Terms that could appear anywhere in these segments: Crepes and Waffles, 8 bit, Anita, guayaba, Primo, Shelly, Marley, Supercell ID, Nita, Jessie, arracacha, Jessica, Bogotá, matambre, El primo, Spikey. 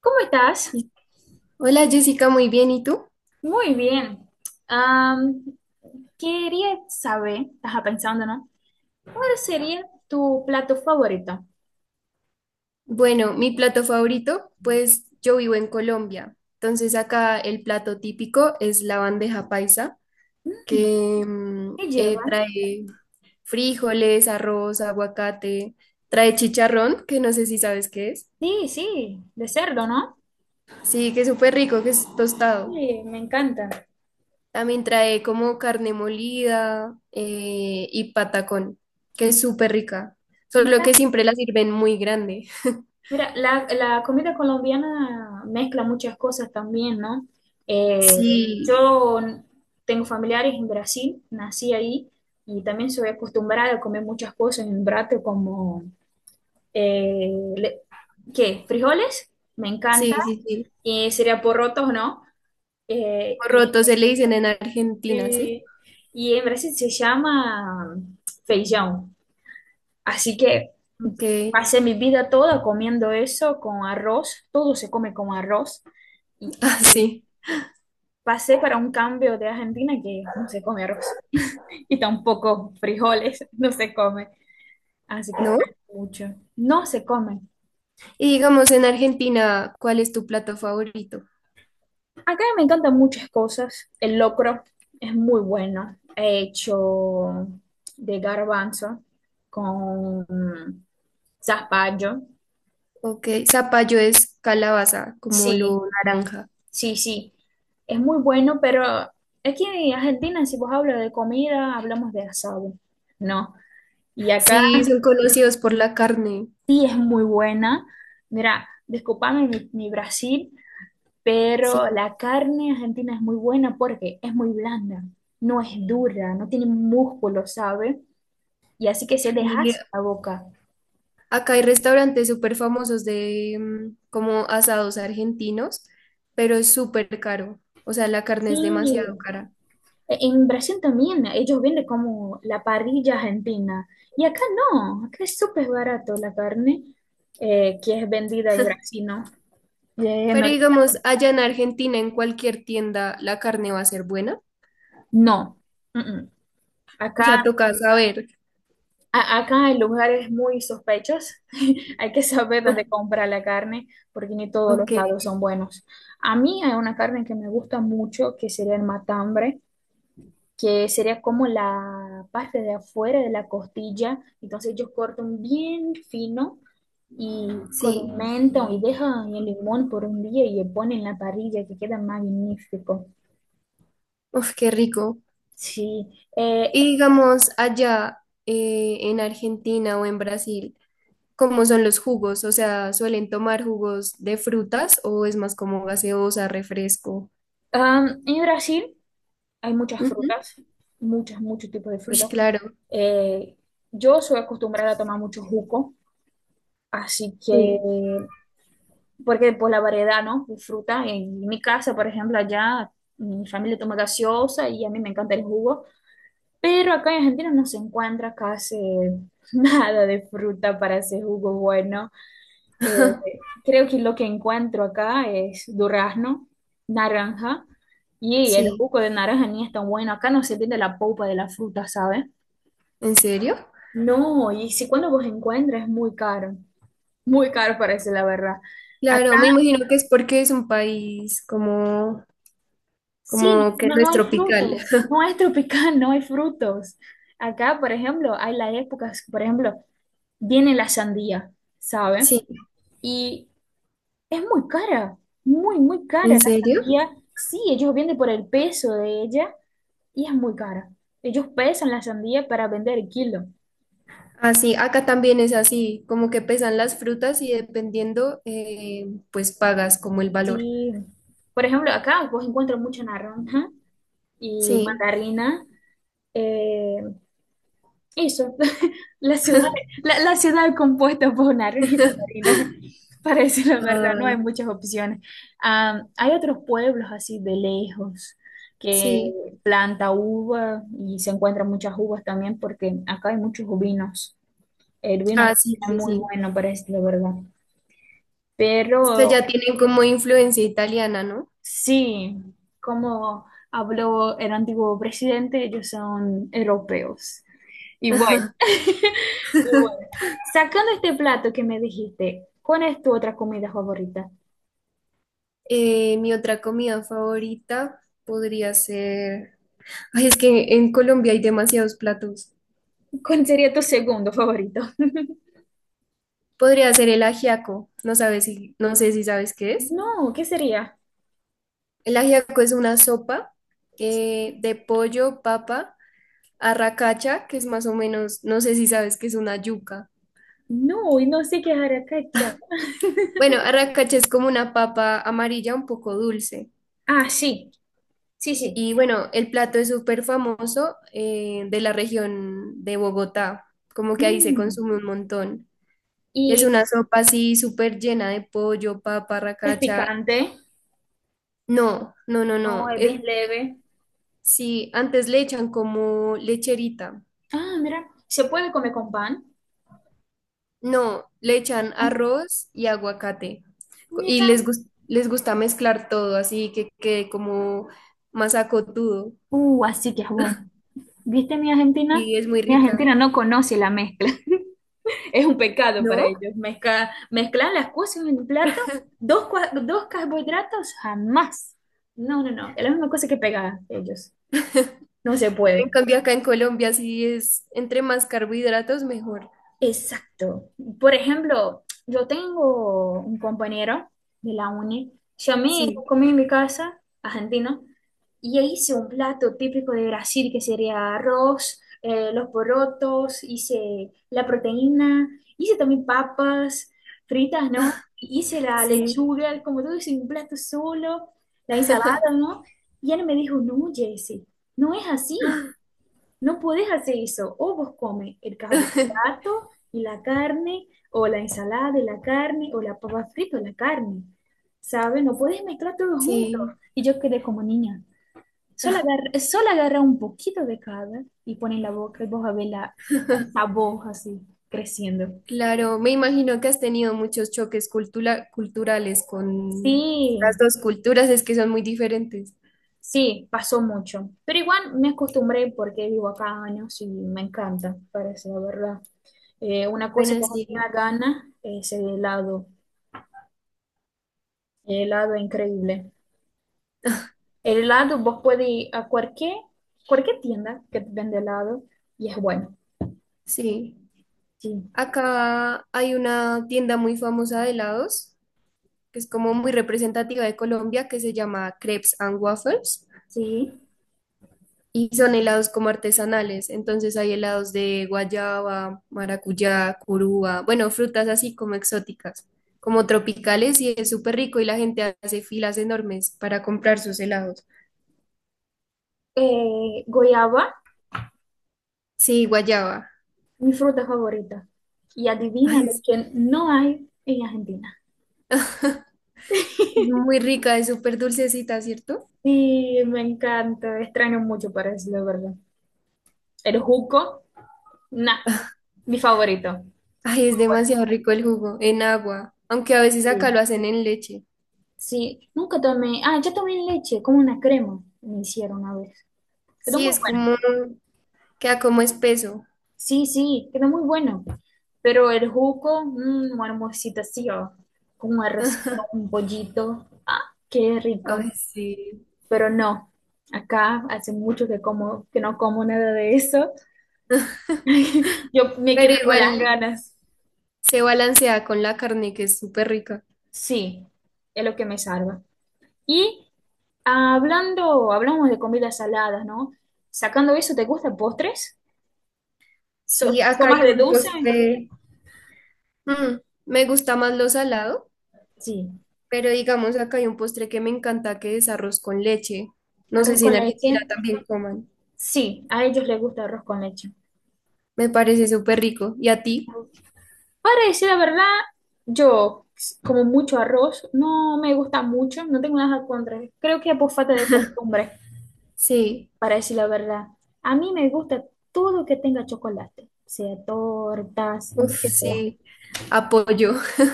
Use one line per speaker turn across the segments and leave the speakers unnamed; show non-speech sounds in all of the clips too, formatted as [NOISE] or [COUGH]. ¿Cómo estás?
Y- Hola Jessica, muy bien. ¿Y tú?
Muy bien. Am, quería saber, estaba pensando, ¿no? ¿Cuál sería tu plato favorito?
Bueno, mi plato favorito, pues yo vivo en Colombia. Entonces acá el plato típico es la bandeja paisa,
Mm,
que
¿Qué lleva?
trae frijoles, arroz, aguacate, trae chicharrón, que no sé si sabes qué es.
Sí, sí, de cerdo, ¿no?
Sí, que es súper rico, que es tostado.
Sí, me encanta.
También trae como carne molida y patacón, que es súper rica. Solo
Mira,
que siempre la sirven muy grande.
mira, la comida colombiana mezcla muchas cosas también, ¿no? Eh,
Sí,
yo tengo familiares en Brasil, nací ahí y también soy acostumbrada a comer muchas cosas en Brasil como... eh, le- ¿qué? Frijoles, me
sí,
encanta,
sí, sí.
y sería porrotos, ¿no? Eh, y,
Roto se le dicen en Argentina, ¿sí?
este- y en Brasil se llama feijão, así que
Ok,
pasé mi vida toda comiendo eso con arroz, todo se come con arroz, y
[LAUGHS] así,
pasé para un cambio de Argentina que no se come arroz, [LAUGHS] y tampoco frijoles, [LAUGHS] no se come, así que
¿no?
extraño mucho, no se come.
Y digamos en Argentina, ¿cuál es tu plato favorito?
Acá me encantan muchas cosas. El locro es muy bueno. He hecho de garbanzo con zapallo.
Ok, zapallo es calabaza, como
Sí,
lo naranja.
sí, sí. Es muy bueno, pero aquí en Argentina, si vos hablas de comida, hablamos de asado. No. Y acá
Sí, son conocidos por la carne.
sí es muy buena. Mira, disculpame mi Brasil, pero
Sí,
la carne argentina es muy buena porque es muy blanda, no es dura, no tiene músculo, ¿sabes? Y así que se
y
dejase la boca.
acá hay restaurantes súper famosos de como asados argentinos, pero es súper caro. O sea, la carne es
Y
demasiado cara.
en Brasil también ellos venden como la parrilla argentina. Y acá no, acá es súper barato la carne que es vendida en Brasil, ¿no? No,
Pero digamos, allá en Argentina, en cualquier tienda, la carne va a ser buena.
no. Mm, mm.
O sea,
Acá,
toca saber.
acá hay lugares muy sospechosos. [LAUGHS] Hay que saber dónde comprar la carne porque ni todos los
Ok.
lados son buenos. A mí hay una carne que me gusta mucho que sería el matambre, que sería como la parte de afuera de la costilla. Entonces ellos cortan bien fino y
Sí,
condimentan y dejan el limón por un día y le ponen en la parrilla que queda magnífico.
uf, qué rico.
Sí, eh,
Y digamos, allá en Argentina o en Brasil, ¿cómo son los jugos? O sea, ¿suelen tomar jugos de frutas o es más como gaseosa, refresco?
en Brasil hay muchas
Ujú.
frutas, muchas, muchos tipos de
Ush,
frutas.
claro.
Eh, yo soy acostumbrada a tomar mucho jugo, así que
Sí,
porque pues la variedad, ¿no? De fruta. En mi casa, por ejemplo, allá mi familia toma gaseosa y a mí me encanta el jugo, pero acá en Argentina no se encuentra casi [LAUGHS] nada de fruta para ese jugo bueno. Eh, creo que lo que encuentro acá es durazno, naranja, y el
sí.
jugo de naranja ni es tan bueno. Acá no se entiende la polpa de la fruta, ¿sabes?
¿En serio?
No, y si cuando vos encuentras es muy caro parece la verdad.
Claro, me imagino que es porque es un país como,
Sí,
como que
no,
no
no
es
hay
tropical.
frutos,
[LAUGHS]
no es tropical, [LAUGHS] no hay frutos. Acá, por ejemplo, hay las épocas, por ejemplo, viene la sandía, ¿sabe?
Sí,
Y es muy cara, muy, muy cara
¿en
la
serio?
sandía. Sí, ellos venden por el peso de ella y es muy cara. Ellos pesan la sandía para vender el kilo.
Así, acá también es así, como que pesan las frutas y dependiendo, pues pagas como el valor.
Sí, por ejemplo, acá vos encuentras mucha naranja y
Sí.
mandarina, eh, eso, [LAUGHS] la ciudad, la ciudad compuesta por naranjas y mandarinas, [LAUGHS] para decir la verdad, no hay
Ay,
muchas opciones. Ah, hay otros pueblos así de lejos que
sí.
planta uva y se encuentran muchas uvas también porque acá hay muchos vinos. El vino
Ah, sí,
es
sí,
muy
sí.
bueno, para decir la verdad. Pero
Es que ya tienen como influencia italiana, ¿no?
sí, como habló el antiguo presidente, ellos son europeos. Y bueno. Y bueno, sacando este plato que me dijiste, ¿cuál es tu otra comida favorita?
Mi otra comida favorita podría ser... Ay, es que en Colombia hay demasiados platos.
¿Cuál sería tu segundo favorito? [LAUGHS]
Podría ser el ajiaco. No sabes si, no sé si sabes qué es.
No, ¿qué sería?
El ajiaco es una sopa de pollo, papa, arracacha, que es más o menos, no sé si sabes que es una yuca.
No, y no sé qué es arracacha. [LAUGHS]
Bueno, arracacha es como una papa amarilla un poco dulce.
Ah, sí, sí, sí.
Y bueno, el plato es súper famoso de la región de Bogotá, como que ahí se
Mm,
consume un montón. Y es
y
una sopa así súper llena de pollo, papa,
es
racacha.
picante,
No, no, no,
no,
no.
es bien leve.
Sí, antes le echan como lecherita.
Ah, mira, se puede comer con pan.
No, le echan
Oh,
arroz y aguacate. Co- Y
mira.
les, gus- les gusta mezclar todo, así que quede como más acotudo.
Así que es bueno. ¿Viste mi Argentina?
Y es muy
Mi Argentina
rica,
no conoce la mezcla. Es un pecado para
¿no?
ellos. Mezcla, mezclar las cosas en un plato, dos, dos carbohidratos, jamás. No, no, no. Es la misma cosa que pegar ellos. No se
En
puede.
cambio, acá en Colombia sí es entre más carbohidratos mejor.
Exacto. Por ejemplo, yo tengo un compañero de la uni, llamé,
Sí,
comí en mi casa, argentino, y hice un plato típico de Brasil que sería arroz, los porotos, hice la proteína, hice también papas fritas, ¿no? Hice la
sí,
lechuga, como todo hice un plato solo, la ensalada, ¿no? Y él me dijo, no, Jesse, no es así. No podés hacer eso. O vos comes el
[LAUGHS]
carbohidrato y la carne, o la ensalada y la carne, o la papa frita y la carne. ¿Sabes? No podés mezclar todo junto.
sí.
Y yo quedé como niña. Solo agarra un poquito de cada y pone en la boca y vos a ver la, el sabor así creciendo.
Claro, me imagino que has tenido muchos choques cultura- culturales con
Sí,
las dos culturas, es que son muy diferentes.
sí, pasó mucho. Pero igual me acostumbré porque vivo acá años y me encanta, parece la verdad. Una cosa
Bueno,
que no tenía
sí,
ganas es el helado. Helado increíble. El helado, vos puedes ir a cualquier, cualquier tienda que te vende helado y es bueno.
sí.
Sí,
Acá hay una tienda muy famosa de helados, que es como muy representativa de Colombia, que se llama Crepes and Waffles.
sí.
Y son helados como artesanales, entonces hay helados de guayaba, maracuyá, curúa, bueno, frutas así como exóticas, como tropicales y es súper rico y la gente hace filas enormes para comprar sus helados.
Goyaba,
Sí, guayaba.
mi fruta favorita. Y adivina
Ay,
lo que no hay en Argentina.
es muy rica, es súper dulcecita, ¿cierto?
Sí, me encanta. Extraño mucho para decirlo, de verdad. El juco, nah, mi favorito.
Ay, es demasiado rico el jugo, en agua, aunque a veces acá lo
Sí,
hacen en leche.
sí. Nunca tomé. Ah, yo tomé leche, como una crema. Me hicieron una vez. Quedó
Sí,
muy
es
bueno.
como, queda como espeso.
Sí, sí, queda muy bueno. Pero el jugo, mm, una almuercito así, o con un arrocito,
[LAUGHS]
un pollito. Ah, qué
Ay,
rico.
sí.
Pero no, acá hace mucho que como, que no como nada de eso. Yo me
Pero
quedo con las
igual
ganas.
se balancea con la carne, que es súper rica.
Sí, es lo que me salva. Y hablando, hablamos de comidas saladas, ¿no? Sacando eso, ¿te gustan postres? ¿So,
Sí,
so
acá hay
más de
un
dulce?
postre. mm, Me gusta más lo salado,
Sí.
pero digamos acá hay un postre que me encanta que es arroz con leche. No sé
Arroz
si en
con
Argentina
leche.
también coman.
Sí, a ellos les gusta arroz con leche.
Me parece súper rico. ¿Y a ti?
Para decir la verdad, yo como mucho arroz, no me gusta mucho, no tengo nada contra. Creo que es por falta de costumbre,
Sí.
para decir la verdad. A mí me gusta todo que tenga chocolate, sea tortas, lo
Uf,
que sea.
sí. Apoyo. [LAUGHS]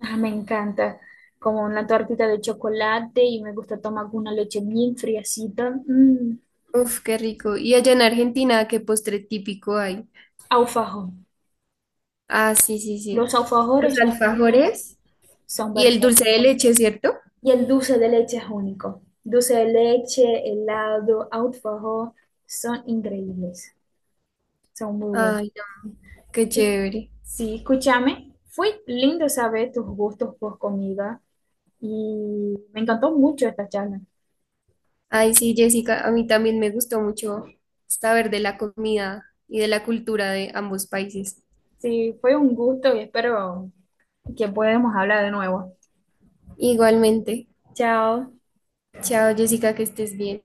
Ah, me encanta, como una tortita de chocolate y me gusta tomar con una leche bien friacita. Mm,
Uf, qué rico. ¿Y allá en Argentina qué postre típico hay?
alfajor.
Ah, sí, sí, sí.
Los
Los
alfajores
alfajores
son
y el
perfectos.
dulce de leche, ¿cierto?
Y el dulce de leche es único. Dulce de leche, helado, alfajor, son increíbles. Son muy buenos.
Ay, no, qué chévere.
Sí, escúchame. Fue lindo saber tus gustos por comida y me encantó mucho esta charla.
Ay, sí, Jessica, a mí también me gustó mucho saber de la comida y de la cultura de ambos países.
Sí, fue un gusto y espero que podamos hablar de nuevo.
Igualmente.
Chao.
Chao, Jessica, que estés bien.